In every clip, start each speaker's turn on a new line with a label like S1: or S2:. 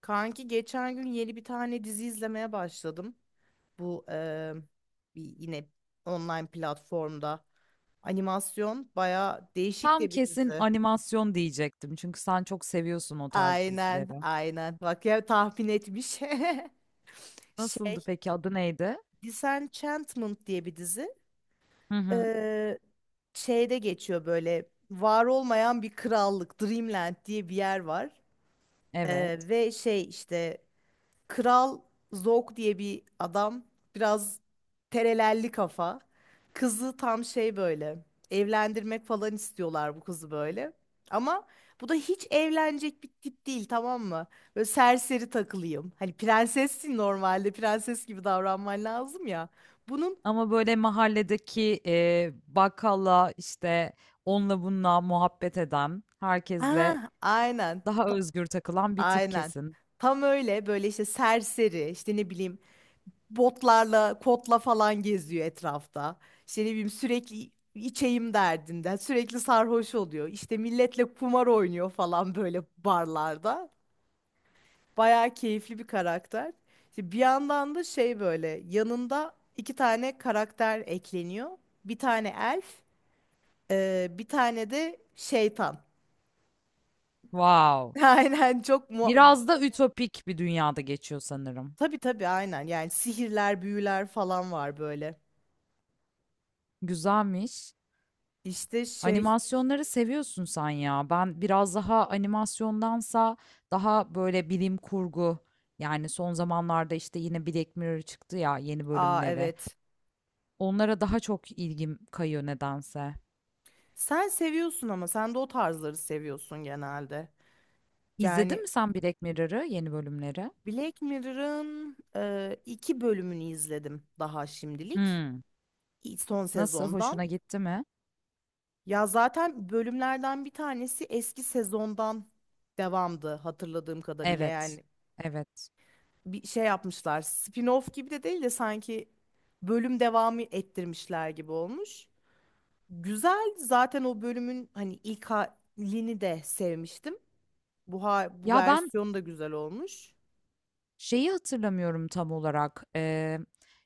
S1: Kanki geçen gün yeni bir tane dizi izlemeye başladım. Bu bir yine online platformda animasyon baya değişik
S2: Tam
S1: de bir
S2: kesin
S1: dizi.
S2: animasyon diyecektim çünkü sen çok seviyorsun o tarz
S1: Aynen,
S2: dizileri.
S1: aynen. Bak ya tahmin etmiş.
S2: Nasıldı
S1: Şey,
S2: peki, adı neydi?
S1: Disenchantment diye bir dizi.
S2: Hı hı.
S1: Eee, şeyde geçiyor böyle var olmayan bir krallık, Dreamland diye bir yer var.
S2: Evet.
S1: Ve şey işte Kral Zog diye bir adam biraz terelelli kafa. Kızı tam şey böyle evlendirmek falan istiyorlar bu kızı böyle. Ama bu da hiç evlenecek bir tip değil tamam mı? Böyle serseri takılayım. Hani prensessin normalde prenses gibi davranman lazım ya. Bunun
S2: Ama böyle mahalledeki bakkalla işte onunla bununla muhabbet eden, herkesle
S1: ah aynen
S2: daha
S1: ta-
S2: özgür takılan bir tip
S1: aynen
S2: kesin.
S1: tam öyle böyle işte serseri işte ne bileyim botlarla, kotla falan geziyor etrafta. İşte ne bileyim sürekli içeyim derdinde, sürekli sarhoş oluyor. İşte milletle kumar oynuyor falan böyle barlarda. Bayağı keyifli bir karakter. İşte bir yandan da şey böyle yanında iki tane karakter ekleniyor. Bir tane elf, bir tane de şeytan.
S2: Wow.
S1: Aynen çok mu
S2: Biraz da ütopik bir dünyada geçiyor sanırım.
S1: tabii tabii aynen yani sihirler, büyüler falan var böyle.
S2: Güzelmiş.
S1: İşte şey,
S2: Animasyonları seviyorsun sen ya. Ben biraz daha animasyondansa daha böyle bilim kurgu, yani son zamanlarda işte yine Black Mirror çıktı ya, yeni
S1: aa
S2: bölümleri.
S1: evet.
S2: Onlara daha çok ilgim kayıyor nedense.
S1: Sen seviyorsun ama sen de o tarzları seviyorsun genelde.
S2: İzledin
S1: Yani
S2: mi sen Black Mirror'ı yeni bölümleri?
S1: Black Mirror'ın iki bölümünü izledim daha şimdilik.
S2: Hmm.
S1: Son
S2: Nasıl
S1: sezondan.
S2: hoşuna gitti mi?
S1: Ya zaten bölümlerden bir tanesi eski sezondan devamdı hatırladığım kadarıyla.
S2: Evet.
S1: Yani
S2: Evet.
S1: bir şey yapmışlar. Spin-off gibi de değil de sanki bölüm devamı ettirmişler gibi olmuş. Güzel zaten o bölümün hani ilk halini de sevmiştim. Bu
S2: Ya ben
S1: versiyon da güzel olmuş.
S2: Şeyi hatırlamıyorum tam olarak.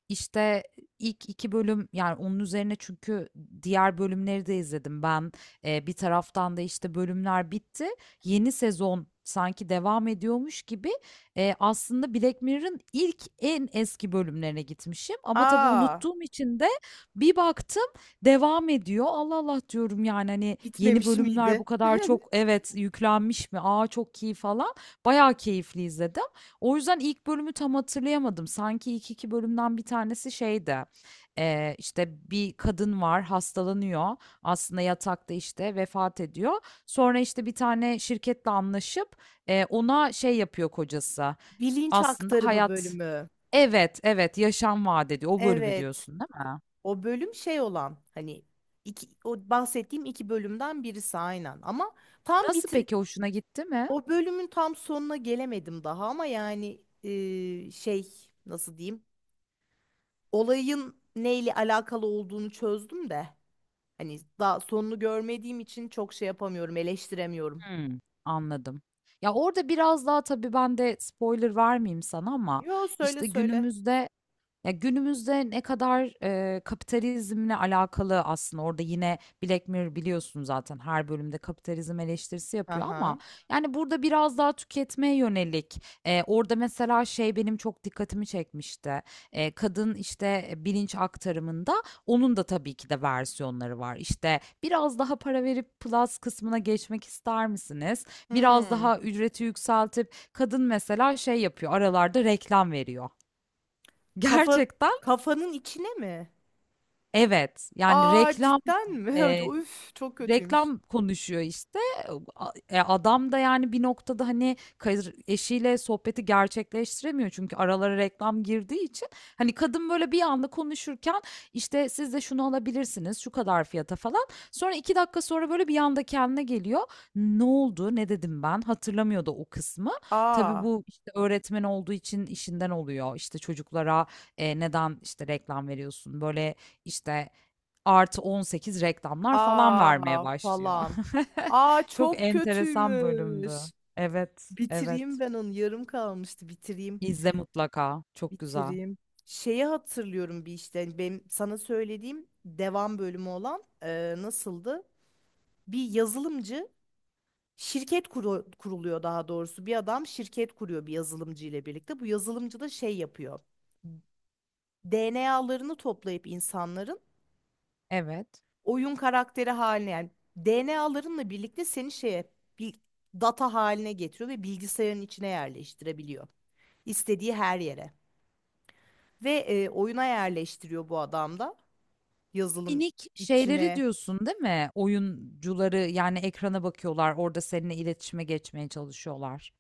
S2: İşte ilk 2 bölüm yani onun üzerine çünkü diğer bölümleri de izledim ben. Bir taraftan da işte bölümler bitti. Yeni sezon sanki devam ediyormuş gibi. Aslında Black Mirror'ın ilk en eski bölümlerine gitmişim. Ama tabii
S1: Aa,
S2: unuttuğum için de bir baktım devam ediyor. Allah Allah diyorum yani hani yeni
S1: bitmemiş
S2: bölümler
S1: miydi?
S2: bu kadar çok evet yüklenmiş mi? Aa, çok iyi falan. Bayağı keyifli izledim. O yüzden ilk bölümü tam hatırlayamadım. Sanki ilk 2 bölümden bir tanesi şeydi, işte, bir kadın var, hastalanıyor. Aslında yatakta, işte, vefat ediyor. Sonra, işte, bir tane şirketle anlaşıp, ona şey yapıyor kocası,
S1: Bilinç
S2: aslında
S1: aktarımı
S2: hayat.
S1: bölümü.
S2: Evet, evet, yaşam vaat ediyor. O bölümü
S1: Evet.
S2: diyorsun, değil mi?
S1: O bölüm şey olan hani iki, o bahsettiğim iki bölümden birisi aynen. Ama tam
S2: Nasıl
S1: bit
S2: peki, hoşuna gitti mi?
S1: o bölümün tam sonuna gelemedim daha ama yani şey nasıl diyeyim? Olayın neyle alakalı olduğunu çözdüm de hani daha sonunu görmediğim için çok şey yapamıyorum, eleştiremiyorum.
S2: Hımm, anladım. Ya, orada biraz daha tabii ben de spoiler vermeyeyim sana ama,
S1: Yo söyle
S2: işte,
S1: söyle.
S2: günümüzde. Ya günümüzde ne kadar kapitalizmle alakalı aslında orada yine Black Mirror biliyorsun zaten her bölümde kapitalizm eleştirisi yapıyor ama
S1: Aha.
S2: yani burada biraz daha tüketmeye yönelik orada mesela şey benim çok dikkatimi çekmişti. Kadın işte bilinç aktarımında onun da tabii ki de versiyonları var işte biraz daha para verip plus kısmına geçmek ister misiniz? Biraz
S1: Hmm.
S2: daha ücreti yükseltip kadın mesela şey yapıyor aralarda reklam veriyor.
S1: Kafa
S2: Gerçekten.
S1: kafanın içine mi?
S2: Evet, yani
S1: Aa cidden mi?
S2: eee,
S1: Üf çok kötüymüş.
S2: reklam konuşuyor işte. Adam da yani bir noktada, hani, eşiyle sohbeti gerçekleştiremiyor çünkü aralara reklam girdiği için. Hani, kadın böyle bir anda konuşurken, işte, "Siz de şunu alabilirsiniz, şu kadar fiyata." falan. Sonra 2 dakika sonra böyle bir anda kendine geliyor. "Ne oldu, ne dedim ben?" Hatırlamıyor da o kısmı. Tabii
S1: Aa
S2: bu, işte, öğretmen olduğu için işinden oluyor. İşte, çocuklara, "Neden, işte, reklam veriyorsun?" Böyle, işte, +18 reklamlar falan vermeye
S1: aa
S2: başlıyor.
S1: falan. Aa
S2: Çok
S1: çok
S2: enteresan bölümdü.
S1: kötüymüş.
S2: Evet, evet.
S1: Bitireyim ben onu. Yarım kalmıştı. Bitireyim.
S2: İzle mutlaka. Çok güzel.
S1: Bitireyim. Şeyi hatırlıyorum bir işte. Hani Benim sana söylediğim devam bölümü olan nasıldı? Bir yazılımcı kuruluyor daha doğrusu. Bir adam şirket kuruyor bir yazılımcı ile birlikte. Bu yazılımcı da şey yapıyor. DNA'larını toplayıp insanların
S2: Evet.
S1: oyun karakteri haline yani DNA'larınla birlikte seni şeye bir data haline getiriyor ve bilgisayarın içine yerleştirebiliyor. İstediği her yere. Ve oyuna yerleştiriyor bu adam da yazılım
S2: Minik şeyleri
S1: içine
S2: diyorsun, değil mi? Oyuncuları yani ekrana bakıyorlar, orada seninle iletişime geçmeye çalışıyorlar.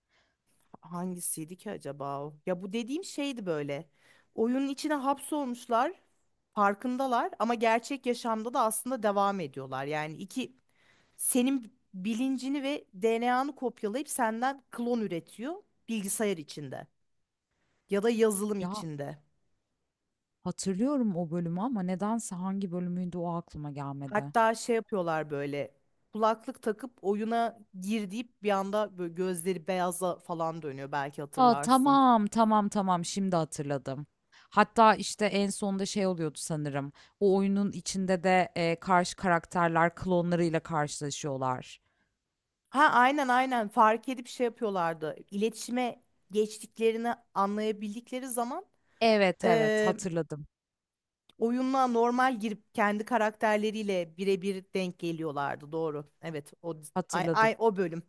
S1: hangisiydi ki acaba o? Ya bu dediğim şeydi böyle. Oyunun içine hapsolmuşlar, farkındalar ama gerçek yaşamda da aslında devam ediyorlar. Yani iki senin bilincini ve DNA'nı kopyalayıp senden klon üretiyor bilgisayar içinde ya da yazılım
S2: Ya,
S1: içinde.
S2: hatırlıyorum o bölümü ama nedense hangi bölümüydü o aklıma gelmedi.
S1: Hatta şey yapıyorlar böyle kulaklık takıp oyuna gir deyip bir anda böyle gözleri beyaza falan dönüyor belki
S2: Aa,
S1: hatırlarsın.
S2: tamam, tamam, tamam, şimdi hatırladım. Hatta işte en sonunda şey oluyordu sanırım. O oyunun içinde de karşı karakterler klonlarıyla karşılaşıyorlar.
S1: Ha aynen fark edip şey yapıyorlardı. İletişime geçtiklerini anlayabildikleri zaman
S2: Evet, evet,
S1: eee
S2: hatırladım,
S1: oyunla normal girip kendi karakterleriyle birebir denk geliyorlardı. Doğru. Evet, o ay,
S2: hatırladım.
S1: ay o bölüm.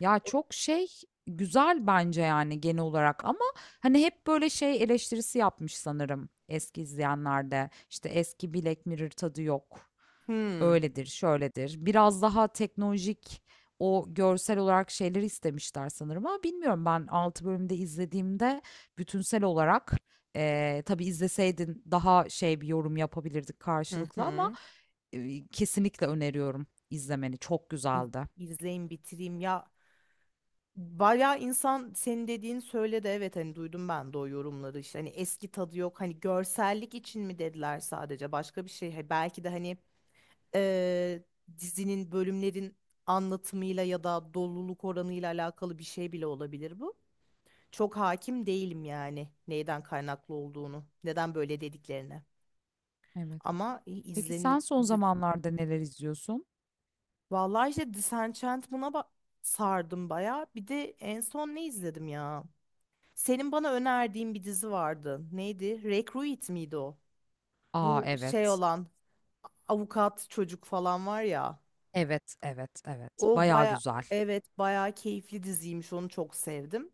S2: Ya, çok şey güzel bence yani genel olarak ama hani hep böyle şey eleştirisi yapmış sanırım eski izleyenlerde. İşte eski Black Mirror tadı yok.
S1: Hmm.
S2: Öyledir, şöyledir. Biraz daha teknolojik o görsel olarak şeyleri istemişler sanırım ama bilmiyorum ben 6 bölümde izlediğimde bütünsel olarak tabii izleseydin daha şey bir yorum yapabilirdik
S1: Hı
S2: karşılıklı ama
S1: hı.
S2: kesinlikle öneriyorum izlemeni. Çok
S1: İz-
S2: güzeldi.
S1: İzleyeyim bitireyim ya. Bayağı insan senin dediğin söyledi evet hani duydum ben de o yorumları işte hani eski tadı yok hani görsellik için mi dediler sadece başka bir şey Hani belki de hani eee, dizinin bölümlerin anlatımıyla ya da doluluk oranıyla alakalı bir şey bile olabilir bu. Çok hakim değilim yani neyden kaynaklı olduğunu neden böyle dediklerine
S2: Evet.
S1: ama
S2: Peki sen son
S1: izlenilir
S2: zamanlarda neler izliyorsun?
S1: Vallahi işte sardım bayağı. Bir de en son ne izledim ya? Senin bana önerdiğin bir dizi vardı. Neydi? Recruit miydi o?
S2: Aa,
S1: Bu şey
S2: evet.
S1: olan avukat çocuk falan var ya.
S2: Evet, evet, evet.
S1: O
S2: Bayağı
S1: baya
S2: güzel.
S1: evet bayağı keyifli diziymiş. Onu çok sevdim.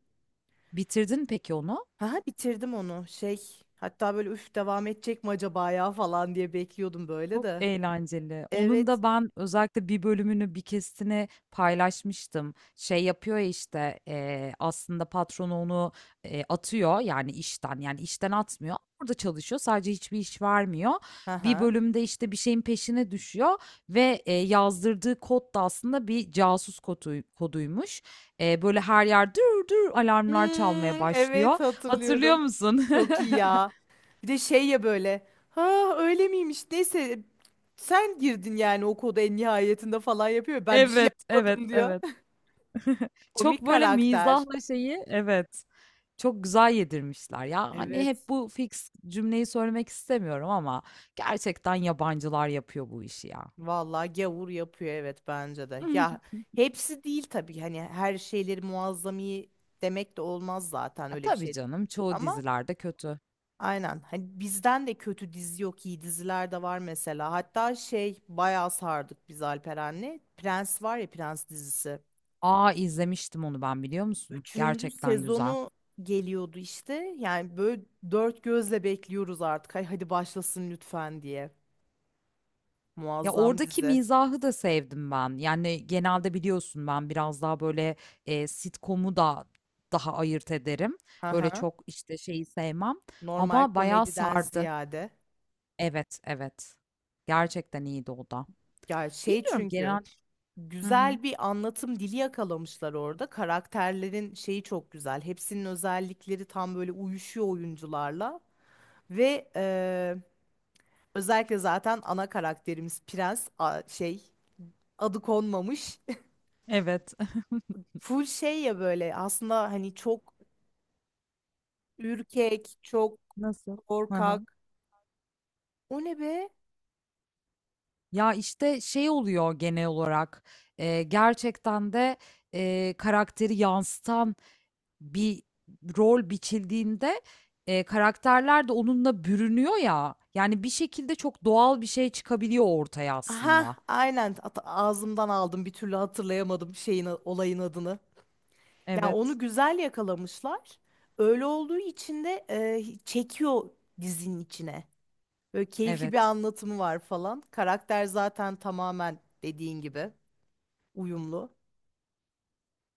S2: Bitirdin peki onu?
S1: Ha bitirdim onu. Şey hatta böyle üf devam edecek mi acaba ya falan diye bekliyordum böyle
S2: Çok
S1: de.
S2: eğlenceli. Onun
S1: Evet.
S2: da ben özellikle bir bölümünü bir kesitini paylaşmıştım. Şey yapıyor ya işte aslında patronu onu atıyor yani işten yani işten atmıyor. Orada çalışıyor sadece hiçbir iş vermiyor. Bir
S1: Aha.
S2: bölümde işte bir şeyin peşine düşüyor ve yazdırdığı kod da aslında bir casus kodu, koduymuş. Böyle her yer dur dur
S1: Hmm,
S2: alarmlar çalmaya başlıyor.
S1: evet
S2: Hatırlıyor
S1: hatırlıyorum.
S2: musun?
S1: Çok iyi ya. Bir de şey ya böyle. Ha öyle miymiş? Neyse sen girdin yani o koda en nihayetinde falan yapıyor. Ben bir şey
S2: Evet, evet,
S1: yapmadım diyor.
S2: evet.
S1: Komik
S2: Çok böyle
S1: karakter.
S2: mizahla şeyi evet, çok güzel yedirmişler. Ya, hani,
S1: Evet.
S2: hep bu fix cümleyi söylemek istemiyorum ama gerçekten yabancılar yapıyor bu işi ya.
S1: Vallahi gavur yapıyor evet bence de. Ya hepsi değil tabii hani her şeyleri muazzami demek de olmaz zaten
S2: E,
S1: öyle bir
S2: tabii
S1: şey.
S2: canım, çoğu
S1: Ama
S2: dizilerde kötü.
S1: aynen hani bizden de kötü dizi yok iyi diziler de var mesela. Hatta şey bayağı sardık biz Alperen'le. Prens var ya Prens dizisi.
S2: A! İzlemiştim onu ben, biliyor musun?
S1: Üçüncü
S2: Gerçekten güzel.
S1: sezonu geliyordu işte. Yani böyle dört gözle bekliyoruz artık. Hay hadi başlasın lütfen diye.
S2: Ya,
S1: Muazzam
S2: oradaki
S1: dizi.
S2: mizahı da sevdim ben. Yani, genelde biliyorsun ben biraz daha böyle, sitcom'u da daha ayırt ederim.
S1: Hı
S2: Öyle
S1: hı.
S2: çok, işte, şeyi sevmem
S1: Normal
S2: ama bayağı
S1: komediden
S2: sardı.
S1: ziyade.
S2: Evet, evet. Gerçekten iyiydi o da.
S1: Ya şey
S2: Bilmiyorum
S1: çünkü
S2: genel. Hı hı.
S1: güzel bir anlatım dili yakalamışlar orada. Karakterlerin şeyi çok güzel. Hepsinin özellikleri tam böyle uyuşuyor oyuncularla. Ve özellikle zaten ana karakterimiz şey adı konmamış.
S2: Evet.
S1: Full şey ya böyle aslında hani çok Ürkek, çok
S2: Nasıl? Hı hı.
S1: korkak. O ne be?
S2: Ya, işte, şey oluyor genel olarak, gerçekten de, karakteri yansıtan bir rol biçildiğinde, karakterler de onunla bürünüyor ya, yani, bir şekilde çok doğal bir şey çıkabiliyor ortaya
S1: Aha,
S2: aslında.
S1: aynen. Ağzımdan aldım. Bir türlü hatırlayamadım şeyin olayın adını. Yani
S2: Evet,
S1: onu güzel yakalamışlar. Öyle olduğu için de çekiyor dizinin içine. Böyle keyifli bir
S2: evet.
S1: anlatımı var falan. Karakter zaten tamamen dediğin gibi uyumlu.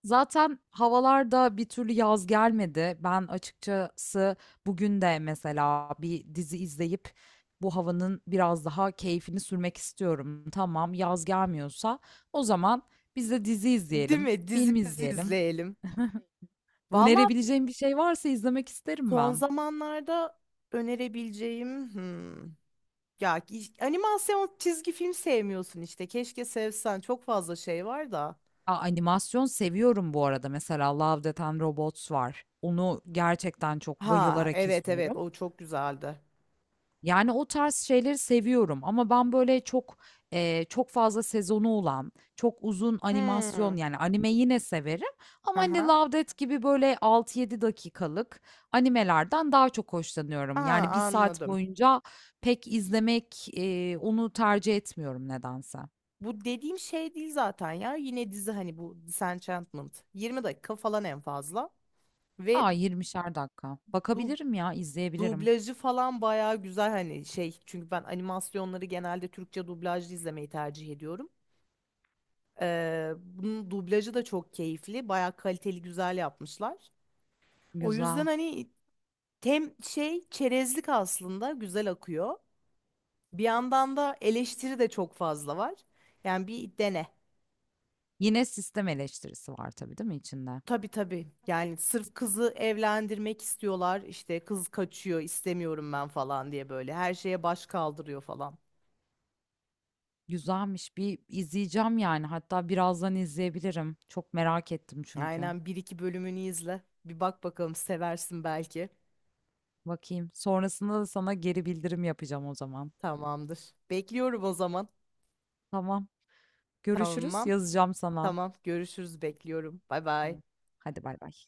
S2: Zaten havalarda bir türlü yaz gelmedi. Ben açıkçası bugün de mesela bir dizi izleyip bu havanın biraz daha keyfini sürmek istiyorum. Tamam, yaz gelmiyorsa o zaman biz de dizi
S1: Değil
S2: izleyelim,
S1: mi?
S2: film
S1: Dizimizi
S2: izleyelim.
S1: izleyelim. Valla
S2: Önerebileceğim bir şey varsa izlemek isterim
S1: son
S2: ben.
S1: zamanlarda önerebileceğim. Hmm, Ya animasyon çizgi film sevmiyorsun işte. Keşke sevsen. Çok fazla şey var da.
S2: Aa, animasyon seviyorum bu arada. Mesela Love, Death and Robots var. Onu gerçekten çok
S1: Ha
S2: bayılarak
S1: evet evet
S2: izliyorum.
S1: o çok güzeldi.
S2: Yani o tarz şeyleri seviyorum ama ben böyle çok, çok fazla sezonu olan, çok uzun animasyon
S1: Hmm.
S2: yani anime yine severim ama hani
S1: Aha.
S2: Love Death gibi böyle 6 yedi dakikalık animelerden daha çok hoşlanıyorum. Yani bir
S1: Aa,
S2: saat
S1: anladım.
S2: boyunca pek izlemek, onu tercih etmiyorum nedense.
S1: Bu dediğim şey değil zaten ya. Yine dizi hani bu Disenchantment. 20 dakika falan en fazla. Ve
S2: Aa, 20'şer dakika.
S1: du
S2: Bakabilirim ya, izleyebilirim.
S1: dublajı falan bayağı güzel hani şey. Çünkü ben animasyonları genelde Türkçe dublajlı izlemeyi tercih ediyorum. Bunun dublajı da çok keyifli. Bayağı kaliteli güzel yapmışlar. O yüzden
S2: Güzel.
S1: hani Tem şey çerezlik aslında güzel akıyor. Bir yandan da eleştiri de çok fazla var. Yani bir dene.
S2: Yine sistem eleştirisi var tabii değil mi içinde?
S1: Tabii tabii. Yani sırf kızı evlendirmek istiyorlar. İşte kız kaçıyor, istemiyorum ben falan diye böyle her şeye baş kaldırıyor falan.
S2: Güzelmiş. Bir izleyeceğim yani. Hatta birazdan izleyebilirim. Çok merak ettim çünkü.
S1: Aynen bir iki bölümünü izle. Bir bak bakalım seversin belki.
S2: Bakayım. Sonrasında da sana geri bildirim yapacağım o zaman.
S1: Tamamdır. Bekliyorum o zaman.
S2: Tamam. Görüşürüz.
S1: Tamam.
S2: Yazacağım sana.
S1: Tamam. Görüşürüz. Bekliyorum. Bay bay.
S2: Tamam. Hadi bay bay.